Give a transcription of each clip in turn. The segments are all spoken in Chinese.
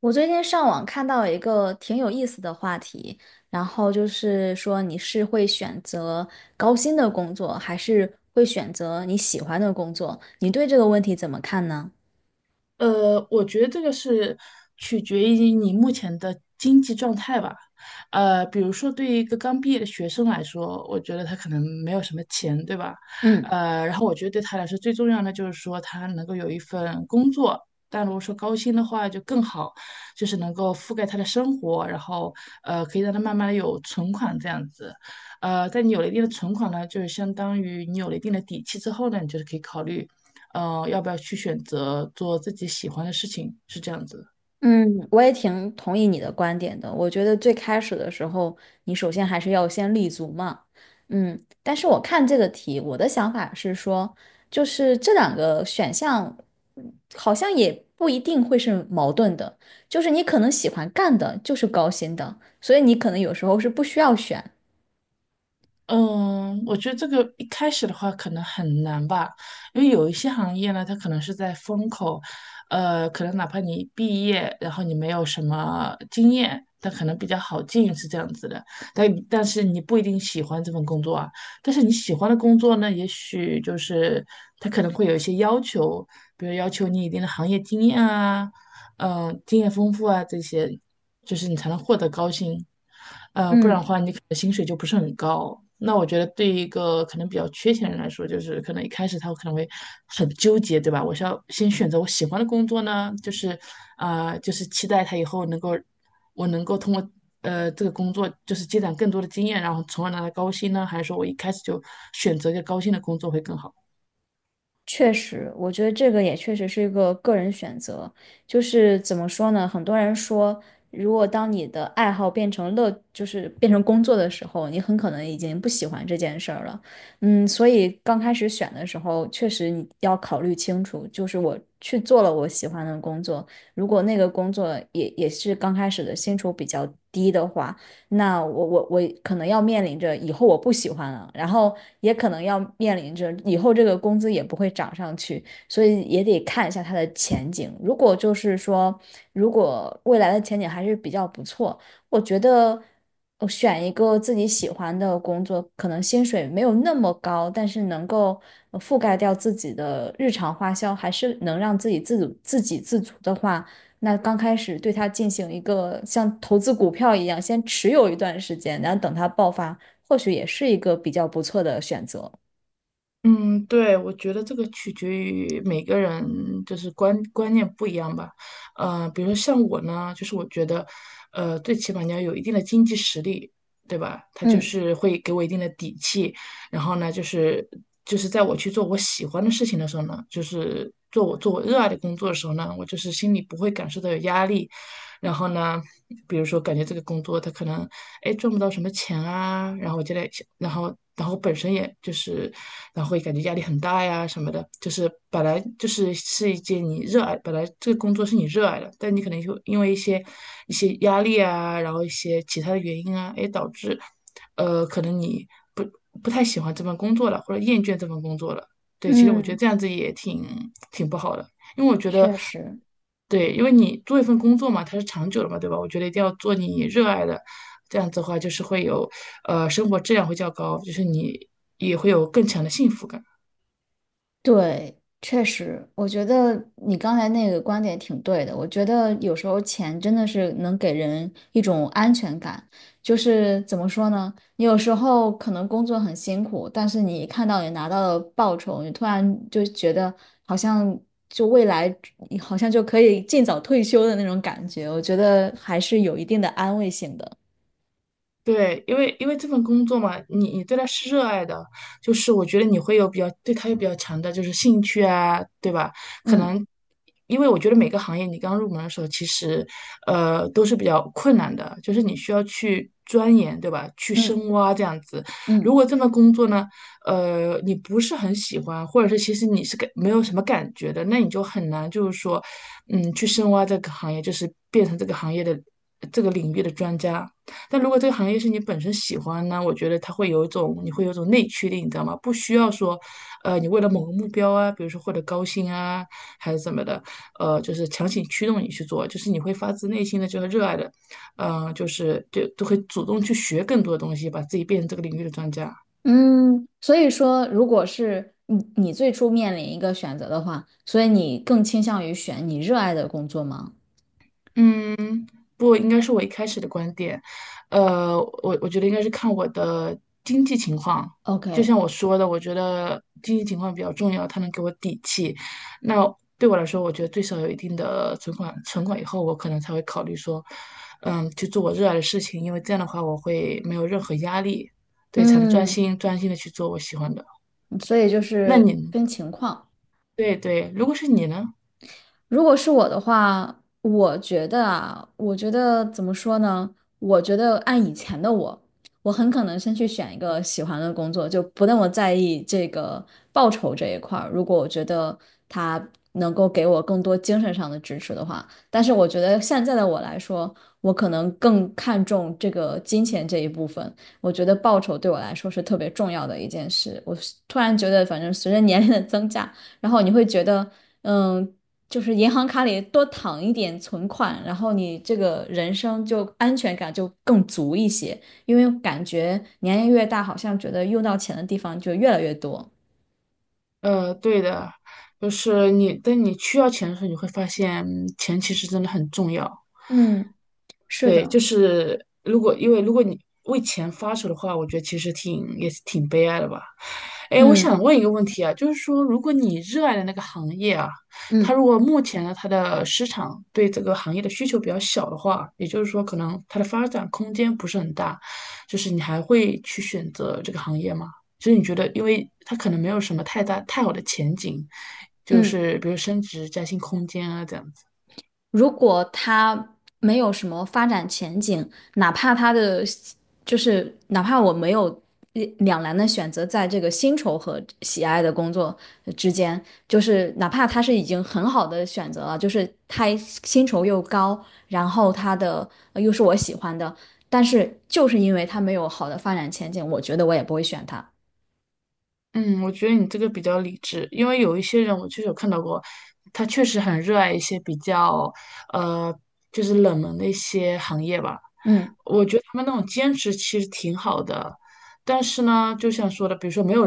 我最近上网看到一个挺有意思的话题，然后就是说你是会选择高薪的工作，还是会选择你喜欢的工作？你对这个问题怎么看呢？我觉得这个是取决于你目前的经济状态吧。比如说对于一个刚毕业的学生来说，我觉得他可能没有什么钱，对吧？嗯。然后我觉得对他来说最重要的就是说他能够有一份工作，但如果说高薪的话就更好，就是能够覆盖他的生活，然后可以让他慢慢的有存款这样子。在你有了一定的存款呢，就是相当于你有了一定的底气之后呢，你就是可以考虑。要不要去选择做自己喜欢的事情，是这样子。嗯，我也挺同意你的观点的。我觉得最开始的时候，你首先还是要先立足嘛。嗯，但是我看这个题，我的想法是说，就是这两个选项嗯好像也不一定会是矛盾的。就是你可能喜欢干的就是高薪的，所以你可能有时候是不需要选。嗯，我觉得这个一开始的话可能很难吧，因为有一些行业呢，它可能是在风口，可能哪怕你毕业，然后你没有什么经验，但可能比较好进是这样子的。但是你不一定喜欢这份工作啊，但是你喜欢的工作呢，也许就是它可能会有一些要求，比如要求你一定的行业经验啊，嗯，经验丰富啊这些，就是你才能获得高薪，不然的嗯。话你可能薪水就不是很高。那我觉得对于一个可能比较缺钱的人来说，就是可能一开始他可能会很纠结，对吧？我是要先选择我喜欢的工作呢，就是期待他以后能够我能够通过这个工作就是积攒更多的经验，然后从而拿到高薪呢，还是说我一开始就选择一个高薪的工作会更好？确实，我觉得这个也确实是一个个人选择。就是怎么说呢？很多人说，如果当你的爱好变成乐，就是变成工作的时候，你很可能已经不喜欢这件事儿了。嗯，所以刚开始选的时候，确实你要考虑清楚，就是我去做了我喜欢的工作，如果那个工作也是刚开始的薪酬比较低的话。那我可能要面临着以后我不喜欢了，然后也可能要面临着以后这个工资也不会涨上去，所以也得看一下它的前景。如果就是说，如果未来的前景还是比较不错，我觉得我选一个自己喜欢的工作，可能薪水没有那么高，但是能够覆盖掉自己的日常花销，还是能让自己自主、自给自足的话。那刚开始对它进行一个像投资股票一样，先持有一段时间，然后等它爆发，或许也是一个比较不错的选择。嗯，对，我觉得这个取决于每个人就是观念不一样吧。比如说像我呢，就是我觉得，最起码你要有一定的经济实力，对吧？他就嗯是会给我一定的底气，然后呢，就是在我去做我喜欢的事情的时候呢，就是做我热爱的工作的时候呢，我就是心里不会感受到有压力，然后呢，比如说感觉这个工作他可能哎赚不到什么钱啊，然后我就在想，然后本身也就是，然后会感觉压力很大呀什么的，就是是一件你热爱，本来这个工作是你热爱的，但你可能就因为一些压力啊，然后一些其他的原因啊，哎导致，可能你不不太喜欢这份工作了，或者厌倦这份工作了。对，其实我觉得嗯，这样子挺不好的，因为我觉得确实。对，因为你做一份工作嘛，它是长久的嘛，对吧？我觉得一定要做你热爱的，这样子的话就是会有，生活质量会较高，就是你也会有更强的幸福感。对，确实，我觉得你刚才那个观点挺对的。我觉得有时候钱真的是能给人一种安全感，就是怎么说呢？你有时候可能工作很辛苦，但是你一看到你拿到了报酬，你突然就觉得好像就未来好像就可以尽早退休的那种感觉，我觉得还是有一定的安慰性的。对，因为这份工作嘛，你对它是热爱的，就是我觉得你会有对它有比较强的就是兴趣啊，对吧？可嗯能因为我觉得每个行业你刚入门的时候，其实都是比较困难的，就是你需要去钻研，对吧？去嗯深挖这样子。如嗯。果这份工作呢，你不是很喜欢，或者是其实你是没有什么感觉的，那你就很难就是说，嗯，去深挖这个行业，就是变成这个行业的这个领域的专家。但如果这个行业是你本身喜欢呢，我觉得它会有一种，你会有一种内驱力，你知道吗？不需要说，你为了某个目标啊，比如说获得高薪啊，还是怎么的，就是强行驱动你去做，就是你会发自内心的就是热爱的，就都会主动去学更多的东西，把自己变成这个领域的专家。嗯，所以说，如果是你最初面临一个选择的话，所以你更倾向于选你热爱的工作吗嗯。不应该是我一开始的观点，呃，我觉得应该是看我的经济情况。就？OK，像我说的，我觉得经济情况比较重要，它能给我底气。那对我来说，我觉得最少有一定的存款，存款以后，我可能才会考虑说，嗯，去做我热爱的事情，因为这样的话，我会没有任何压力，对，才能嗯，专心的去做我喜欢的。所以就那是你，分情况。对对，如果是你呢？如果是我的话，我觉得啊，我觉得怎么说呢？我觉得按以前的我，我很可能先去选一个喜欢的工作，就不那么在意这个报酬这一块儿。如果我觉得他能够给我更多精神上的支持的话，但是我觉得现在的我来说，我可能更看重这个金钱这一部分。我觉得报酬对我来说是特别重要的一件事。我突然觉得，反正随着年龄的增加，然后你会觉得。嗯，就是银行卡里多躺一点存款，然后你这个人生就安全感就更足一些，因为感觉年龄越大，好像觉得用到钱的地方就越来越多。对的，就是你，当你需要钱的时候，你会发现嗯钱其实真的很重要。嗯，是对，的，就是因为如果你为钱发愁的话，我觉得其实挺也是挺悲哀的吧。哎，我嗯想问一个问题啊，就是说，如果你热爱的那个行业啊，它嗯如果目前呢，它的市场对这个行业的需求比较小的话，也就是说，可能它的发展空间不是很大，就是你还会去选择这个行业吗？就是你觉得，因为它可能没有什么太大太好的前景，就嗯。是比如升职加薪空间啊这样子。如果他没有什么发展前景，哪怕他的就是哪怕我没有两难的选择，在这个薪酬和喜爱的工作之间，就是哪怕他是已经很好的选择了，就是他薪酬又高，然后他的又是我喜欢的，但是就是因为他没有好的发展前景，我觉得我也不会选他。嗯，我觉得你这个比较理智，因为有一些人我确实有看到过，他确实很热爱一些比较呃，就是冷门的一些行业吧。嗯。我觉得他们那种兼职其实挺好的，但是呢，就像说的，比如说没有，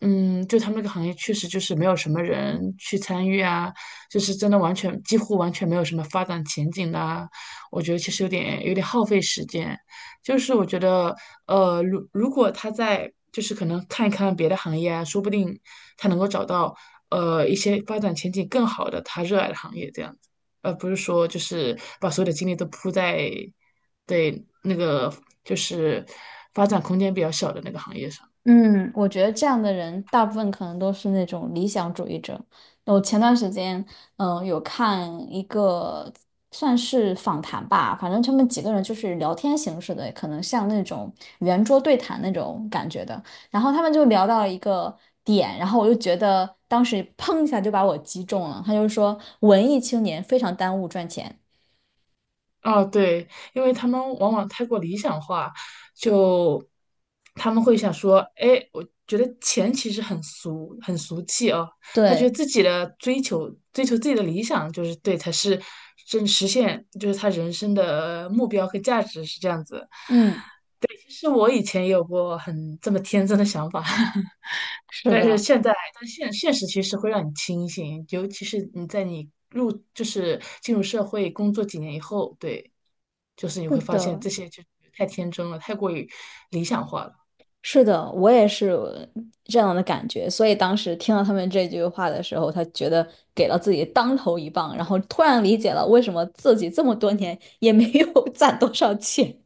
嗯，就他们那个行业确实就是没有什么人去参与啊，就是真的几乎完全没有什么发展前景的啊，我觉得其实有点耗费时间。就是我觉得，如果他在就是可能看一看别的行业啊，说不定他能够找到一些发展前景更好的他热爱的行业这样。而不是说就是把所有的精力都扑在对那个就是发展空间比较小的那个行业上。嗯，我觉得这样的人大部分可能都是那种理想主义者。我前段时间，有看一个算是访谈吧，反正他们几个人就是聊天形式的，可能像那种圆桌对谈那种感觉的。然后他们就聊到了一个点，然后我就觉得当时砰一下就把我击中了。他就说，文艺青年非常耽误赚钱。哦，对，因为他们往往太过理想化，就他们会想说，哎，我觉得钱其实很俗，很俗气哦。他觉对，得自己的追求，追求自己的理想，就是对，才是真实现，就是他人生的目标和价值是这样子。嗯，其实我以前也有过很这么天真的想法。是但是的，现在，但现实其实会让你清醒，尤其是你在就是进入社会工作几年以后，对，就是你是会发现的。这些就太天真了，太过于理想化了。是的，我也是这样的感觉，所以当时听到他们这句话的时候，他觉得给了自己当头一棒，然后突然理解了为什么自己这么多年也没有 攒多少钱。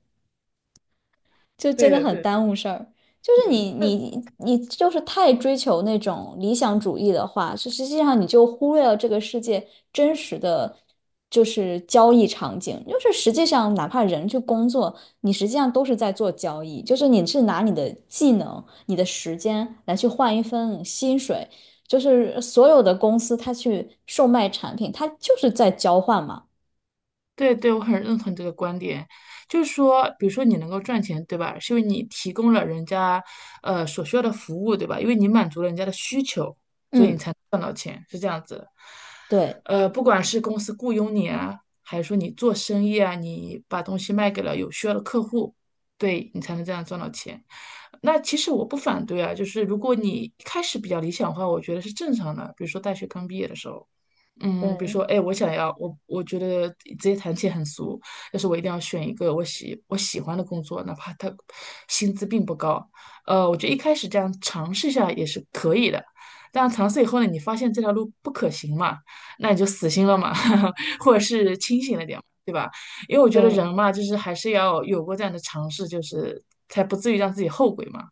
就对真的的，对很的耽误事儿。就是你嗯，你你就是太追求那种理想主义的话，就实际上你就忽略了这个世界真实的就是交易场景。就是实际上，哪怕人去工作，你实际上都是在做交易，就是你是拿你的技能、你的时间来去换一份薪水。就是所有的公司，它去售卖产品，它就是在交换嘛。对对，我很认同你这个观点，就是说，比如说你能够赚钱，对吧？是因为你提供了人家所需要的服务，对吧？因为你满足了人家的需求，所以你嗯，才能赚到钱，是这样子的对不管是公司雇佣你啊，还是说你做生意啊，你把东西卖给了有需要的客户，对你才能这样赚到钱。那其实我不反对啊，就是如果你一开始比较理想化，我觉得是正常的。比如说大学刚毕业的时候。嗯，比如对说，哎，我想要，我觉得直接谈钱很俗，但是我一定要选一个我喜欢的工作，哪怕它薪资并不高。我觉得一开始这样尝试一下也是可以的，但尝试以后呢，你发现这条路不可行嘛，那你就死心了嘛，或者是清醒了点嘛对吧？因为我觉得对人嘛，就是还是要有过这样的尝试，就是才不至于让自己后悔嘛。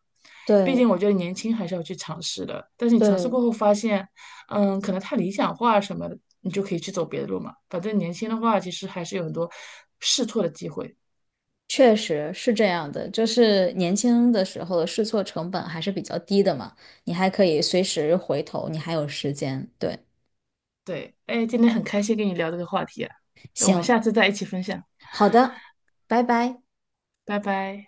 毕对。竟我觉得年轻还是要去尝试的，但是你尝试对，过后发现，嗯，可能太理想化什么的，你就可以去走别的路嘛。反正年轻的话，其实还是有很多试错的机会。确实是这样的，就是年轻的时候的试错成本还是比较低的嘛，你还可以随时回头，你还有时间。对，对，哎，今天很开心跟你聊这个话题啊，那我们行，下次再一起分享，好的，拜拜。拜拜。